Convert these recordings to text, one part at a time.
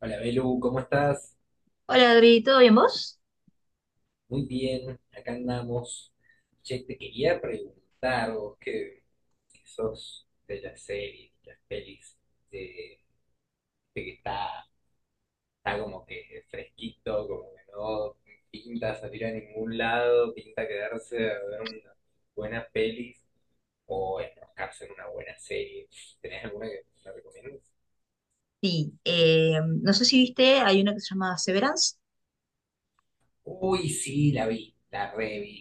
Hola Belu, ¿cómo estás? Hola Adri, ¿todo bien vos? Muy bien, acá andamos. Che, te quería preguntar, vos que sos de las series, de las pelis, de, de que está, está como que fresquito, como que no pinta salir a ningún lado, pinta quedarse a ver unas buenas pelis o enroscarse en una buena serie. ¿Tenés alguna que me recomiendes? Sí, no sé si viste, hay una que se llama Severance. Uy, sí, la vi, la revi,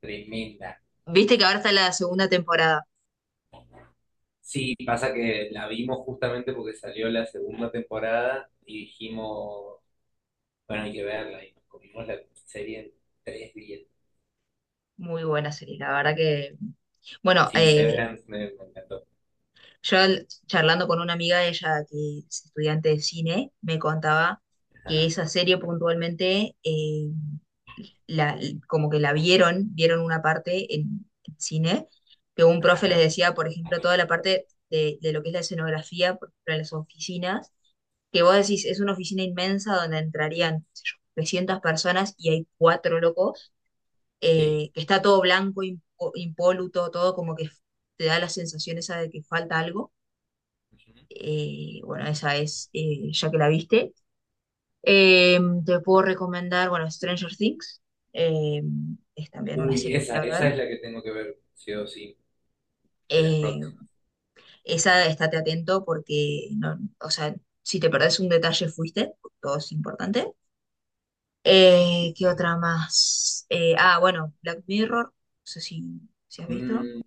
tremenda. Viste que ahora está la segunda temporada. Sí, pasa que la vimos justamente porque salió la segunda temporada y dijimos, bueno, hay que verla y nos comimos la serie en tres días. Muy buena serie, la verdad que. Bueno, Sí, Severance me encantó. Charlando con una amiga, ella que es estudiante de cine, me contaba que Ajá, esa serie puntualmente, la, como que la vieron una parte en cine, que un profe les ajá, decía, por ejemplo, toda la parte de lo que es la escenografía, por ejemplo, en las oficinas, que vos decís, es una oficina inmensa donde entrarían, qué sé yo, 300 personas y hay cuatro locos, sí. Que está todo blanco, impoluto, todo como que te da la sensación esa de que falta algo. Ujú. Bueno, esa es, ya que la viste. Te puedo recomendar, bueno, Stranger Things. eh, es también una Uy, serie esa, para esa ver. es la que tengo que ver, sí o sí, de las Eh, próximas. esa, estate atento porque, no, o sea, si te perdés un detalle, fuiste. Todo es importante. ¿Qué Sí. otra más? Ah, bueno, Black Mirror. No sé si has visto. Mm,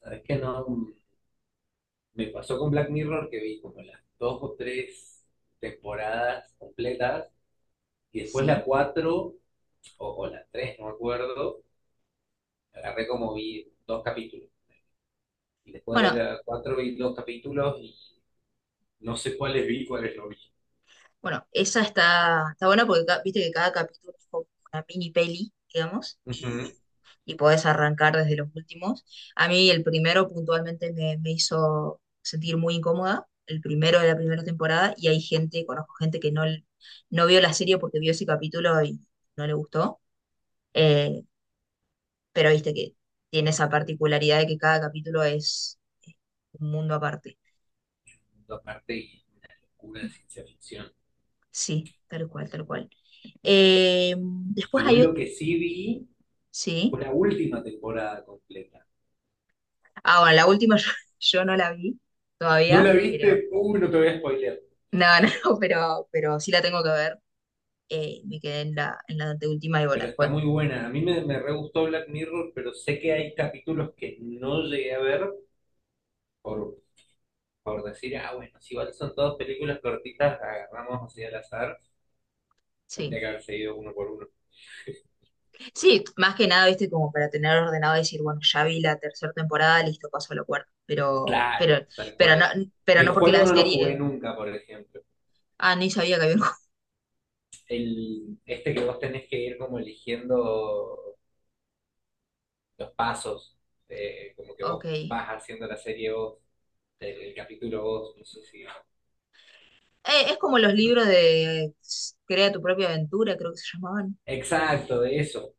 ¿Sabes qué? No, me pasó con Black Mirror que vi como las dos o tres temporadas completas y después la Sí. cuatro o la tres, no me acuerdo, agarré como vi dos capítulos. Y después de Bueno, la cuatro vi dos capítulos y no sé cuáles vi, cuáles no vi. Bueno, esa está, está buena porque viste que cada capítulo es como una mini peli, digamos, Ujú. y podés arrancar desde los últimos. A mí el primero puntualmente me hizo sentir muy incómoda, el primero de la primera temporada, y hay gente, conozco gente que no, no vio la serie porque vio ese capítulo y no le gustó, eh, pero viste que tiene esa particularidad de que cada capítulo es eh, un mundo aparte. Dos partes y una locura de ciencia ficción. Sí, tal cual, tal cual. Después Igual hay lo otro, que sí vi sí. fue la última temporada completa. Ah, bueno, la última yo no la vi ¿No la todavía, pero viste? Uy, no te voy a spoilear. no, no, pero sí la tengo que ver. Me quedé en la anteúltima y bueno, Pero está después muy buena. A mí me re gustó Black Mirror, pero sé que hay capítulos que no llegué a ver por, por decir, ah, bueno, si igual son todas películas cortitas, agarramos así al azar. Tendría sí. que haber seguido uno por uno. Sí, más que nada, viste, como para tener ordenado y decir, bueno, ya vi la tercera temporada, listo, paso a la cuarta. Pero, Claro, pero, tal pero no, cual. pero El no porque juego la no lo jugué serie. nunca, por ejemplo. Ah, ni sabía que había un El, este que vos tenés que ir como eligiendo los pasos, como que juego. Ok. vos vas haciendo la serie vos, el capítulo vos, no sé si... Es como los libros de Crea tu propia aventura, creo que se llamaban. Exacto, de eso,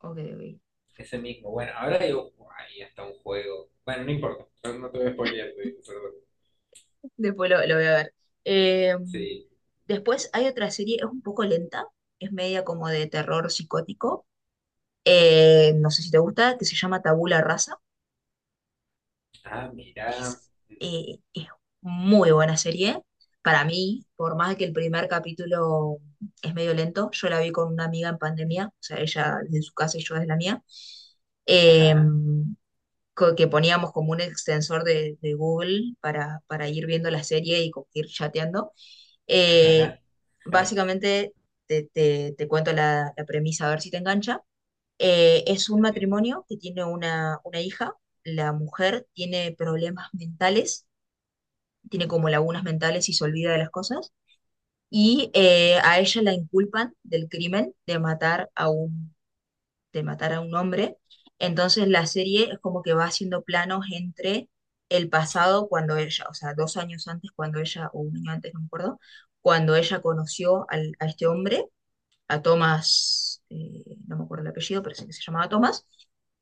Ok, ok. ese mismo. Bueno, ahora digo, ahí está un juego. Bueno, no importa, no, no te voy a spoilear, te digo, perdón. Después lo voy a ver. Eh, Sí. Después hay otra serie, es un poco lenta, es media como de terror psicótico, no sé si te gusta, que se llama Tabula Rasa. Ah, mirá. Es, es muy buena serie. Para mí, por más que el primer capítulo es medio lento, yo la vi con una amiga en pandemia, o sea, ella desde su casa y yo desde la mía. Eh, Ajá, que poníamos como un extensor de Google para ir viendo la serie y ir chateando. Eh, ajá. básicamente, te cuento la premisa a ver si te engancha. Es un matrimonio que tiene una hija. La mujer tiene problemas mentales, tiene como lagunas mentales y se olvida de las cosas. Y a ella la inculpan del crimen de matar a un de matar a un hombre. Entonces la serie es como que va haciendo planos entre el pasado cuando ella, o sea, 2 años antes cuando ella, o un año antes, no me acuerdo, cuando ella conoció a este hombre, a Thomas, no me acuerdo el apellido, pero sé que se llamaba Thomas,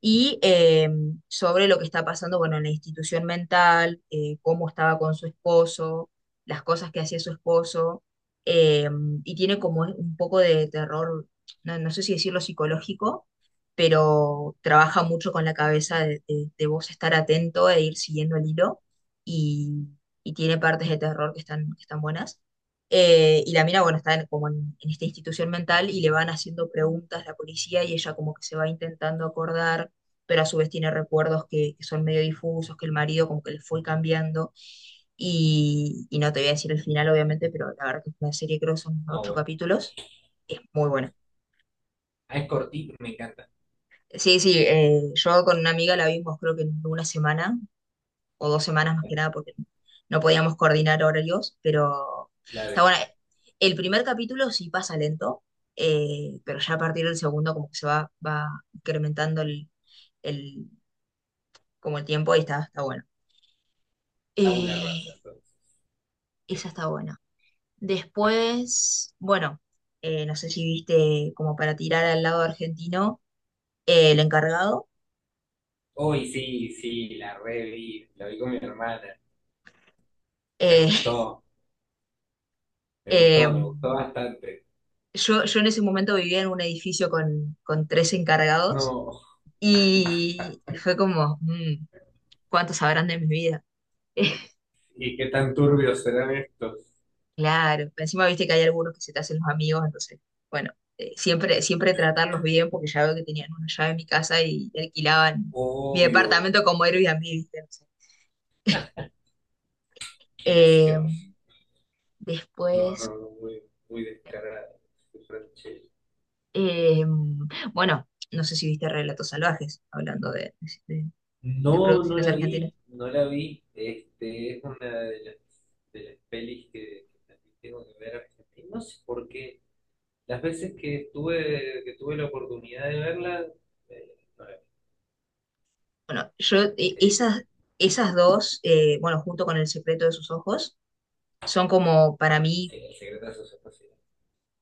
y sobre lo que está pasando, bueno, en la institución mental, cómo estaba con su esposo, las cosas que hacía su esposo, eh, y tiene como un poco de terror, no, no sé si decirlo psicológico, pero trabaja mucho con la cabeza de vos estar atento e ir siguiendo el hilo, y, y tiene partes de terror que están buenas. Y la mina, bueno, está como en esta institución mental y le van haciendo preguntas la policía y ella como que se va intentando acordar, pero a su vez tiene recuerdos que son medio difusos, que el marido como que le fue cambiando. Y, no te voy a decir el final, obviamente, pero la verdad que es una serie, creo que son No, ocho bueno. capítulos. Es muy buena. Ah, es cortito, me encanta. Sí, sí, yo con una amiga la vimos creo que en una semana o 2 semanas más que nada, porque no podíamos coordinar horarios, pero Claro, está bueno. El primer capítulo sí pasa lento, pero ya a partir del segundo como que se va incrementando el, como el tiempo y está, está bueno. tabula rasa, Eh, entonces. Ok. esa está buena. Después, bueno, no sé si viste como para tirar al lado argentino, el encargado. Hoy sí, sí, la reví, la vi con mi hermana. Me Eh, gustó, me eh, gustó, me gustó bastante. Yo en ese momento vivía en un edificio con tres encargados. No, Y, fue como, ¿cuántos sabrán de mi vida? ¿y qué tan turbios serán estos? Claro, encima viste que hay algunos que se te hacen los amigos, entonces, bueno, siempre, siempre tratarlos bien porque ya veo que tenían una llave en mi casa y alquilaban mi Obvio, departamento como Airbnb, ¿viste? No sé. qué Eh, gracioso. No, no, después, no, muy, muy descarado. Qué franchella. eh, bueno, no sé si viste Relatos Salvajes, hablando de- de No, no producciones la argentinas. vi, no la vi. Este, es una de las pelis que también tengo que ver Argentina. No sé por qué. Las veces que estuve, que tuve la oportunidad de verla, no la vi. Bueno, yo, Eh, esas dos, bueno, junto con El secreto de sus ojos, son como ah, para bueno, mí sí, El secreto de sus ojos, sí.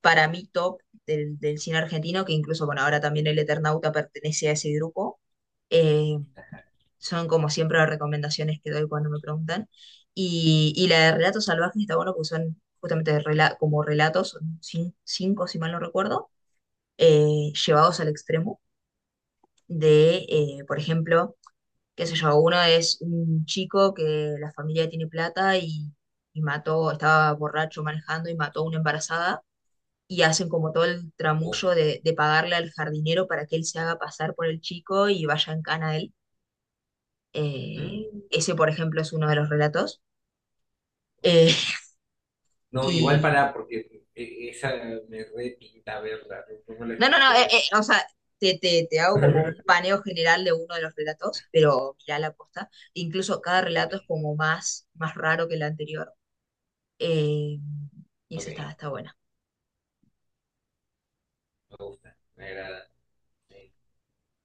para mí top del cine argentino, que incluso, bueno, ahora también El Eternauta pertenece a ese grupo. Eh, son como siempre las recomendaciones que doy cuando me preguntan. Y, la de Relatos Salvajes está bueno porque son justamente como relatos, son cinco si mal no recuerdo, llevados al extremo de, por ejemplo, qué sé yo, uno es un chico que la familia tiene plata y mató, estaba borracho manejando y mató a una embarazada y hacen como todo el tramullo Ojo. De pagarle al jardinero para que él se haga pasar por el chico y vaya en cana a él. Eh, Mm. ese, por ejemplo, es uno de los relatos. Eh, No, igual y para, porque esa me repinta verla, no no me la no, no, no, spoilees. O sea, te hago como un paneo general de uno de los relatos, pero mirá la posta. Incluso cada Ok, relato es como más, más raro que el anterior. Eh, y ok, esa está, está buena. me gusta, me agrada. Sí.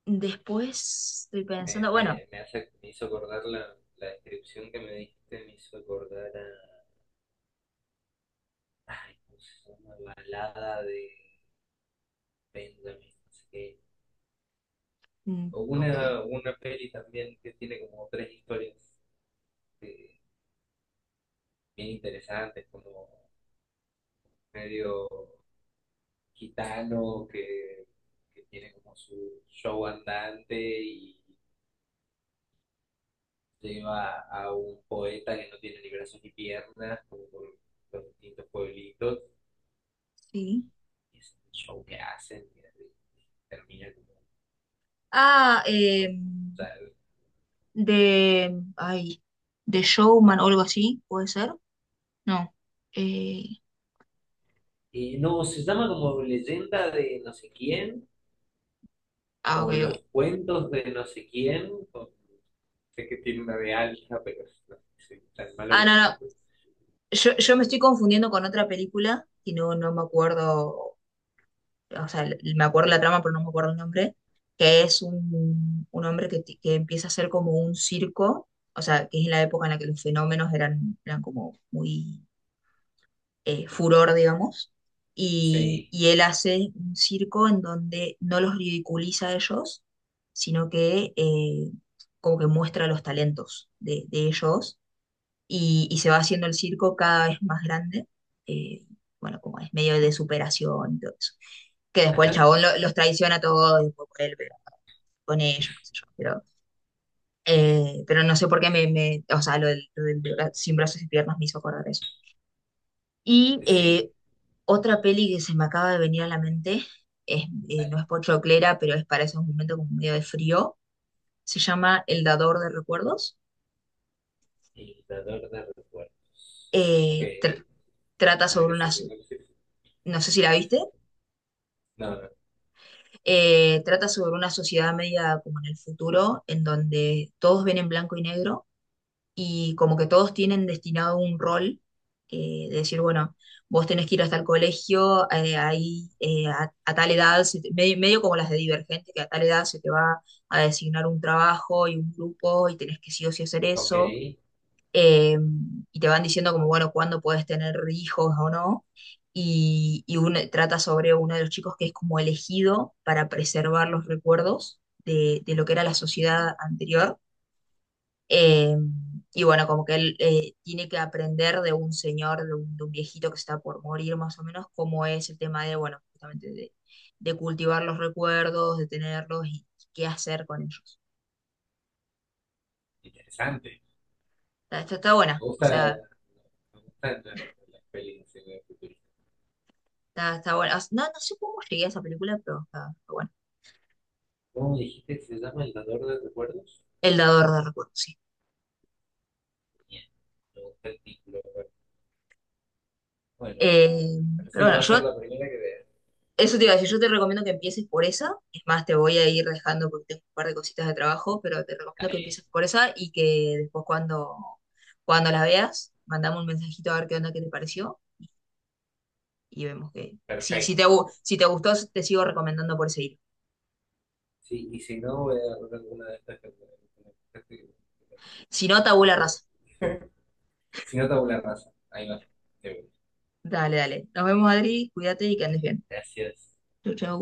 Después estoy Me, pensando, bueno, me, me hace, me hizo acordar la descripción que me dijiste, me hizo acordar a, ay, ¿cómo se llama? Balada de Benjamin, no sé qué. mm, O ok, una peli también que tiene como tres historias eh, bien interesantes, como medio gitano que tiene como su show andante y lleva a un poeta que no tiene ni brazos ni piernas, como por los distintos pueblitos, sí. y es un show que hacen y así, termina como, Ah, como tal. Ay, de Showman o algo así, ¿puede ser? No. Eh, Y no, se llama como leyenda de no sé quién, ah, ok, o ok. los cuentos de no sé quién, o sé que tiene una de Alja, pero no, soy tan malo Ah, con no, el no. nombre. Yo, me estoy confundiendo con otra película y no, no me acuerdo, o sea, me acuerdo la trama, pero no me acuerdo el nombre, que es un hombre que empieza a ser como un circo, o sea, que es en la época en la que los fenómenos eran como muy furor, digamos, Sí, y él hace un circo en donde no los ridiculiza a ellos, sino que como que muestra los talentos de ellos y se va haciendo el circo cada vez más grande, eh, bueno, como es medio de superación y todo eso. Que después el ajá, chabón los traiciona a todos, después por él, pero con ellos, qué sé yo, pero. Pero no sé por qué o sea, lo del sin brazos y piernas me hizo acordar eso. Y sí. Otra peli que se me acaba de venir a la mente, es, no es pochoclera, pero es para esos momentos como medio de frío, se llama El Dador de Recuerdos. Dictador de recuerdos. Ok. Eh, tr- trata A ver qué sobre está una, haciendo. no sé si la viste, No, no. No. Trata sobre una sociedad media como en el futuro, en donde todos ven en blanco y negro y como que todos tienen destinado un rol, de decir, bueno, vos tenés que ir hasta el colegio, ahí a tal edad, medio, medio como las de Divergente, que a tal edad se te va a designar un trabajo y un grupo y tenés que sí o sí hacer Ok. eso, eh, y te van diciendo como, bueno, cuándo puedes tener hijos o no. Y, trata sobre uno de los chicos que es como elegido para preservar los recuerdos de lo que era la sociedad anterior eh, y bueno, como que él tiene que aprender de un señor, de un viejito que está por morir más o menos, cómo es el tema de, bueno, justamente de cultivar los recuerdos, de tenerlos y qué hacer con ellos. Interesante. Está Me buena, o gusta. sea, Me gustan la las pelis así de futurista. está, está buena. No, no sé cómo llegué a esa película, pero está, está buena. ¿Cómo dijiste que se llama El dador de recuerdos? El dador de recuerdos, sí. Bien. Me gusta el título. Bueno, Eh, parece pero que bueno, va a yo ser la primera que vea. eso te iba a decir, yo te recomiendo que empieces por esa. Es más, te voy a ir dejando porque tengo un par de cositas de trabajo, pero te recomiendo que Dale. empieces por esa y que después cuando, cuando la veas, mandame un mensajito a ver qué onda, qué te pareció y vemos que. Si, Perfecto. Si te gustó, te sigo recomendando por ese hilo. Sí, y si no, voy a agarrar alguna de estas que me gustaste, que me que me Si no, que me tabú que la me raza. si no, tabula rasa. Ahí va. De Dale, dale. Nos vemos, Adri. Cuídate y que una. andes bien. Gracias. Chau, chau.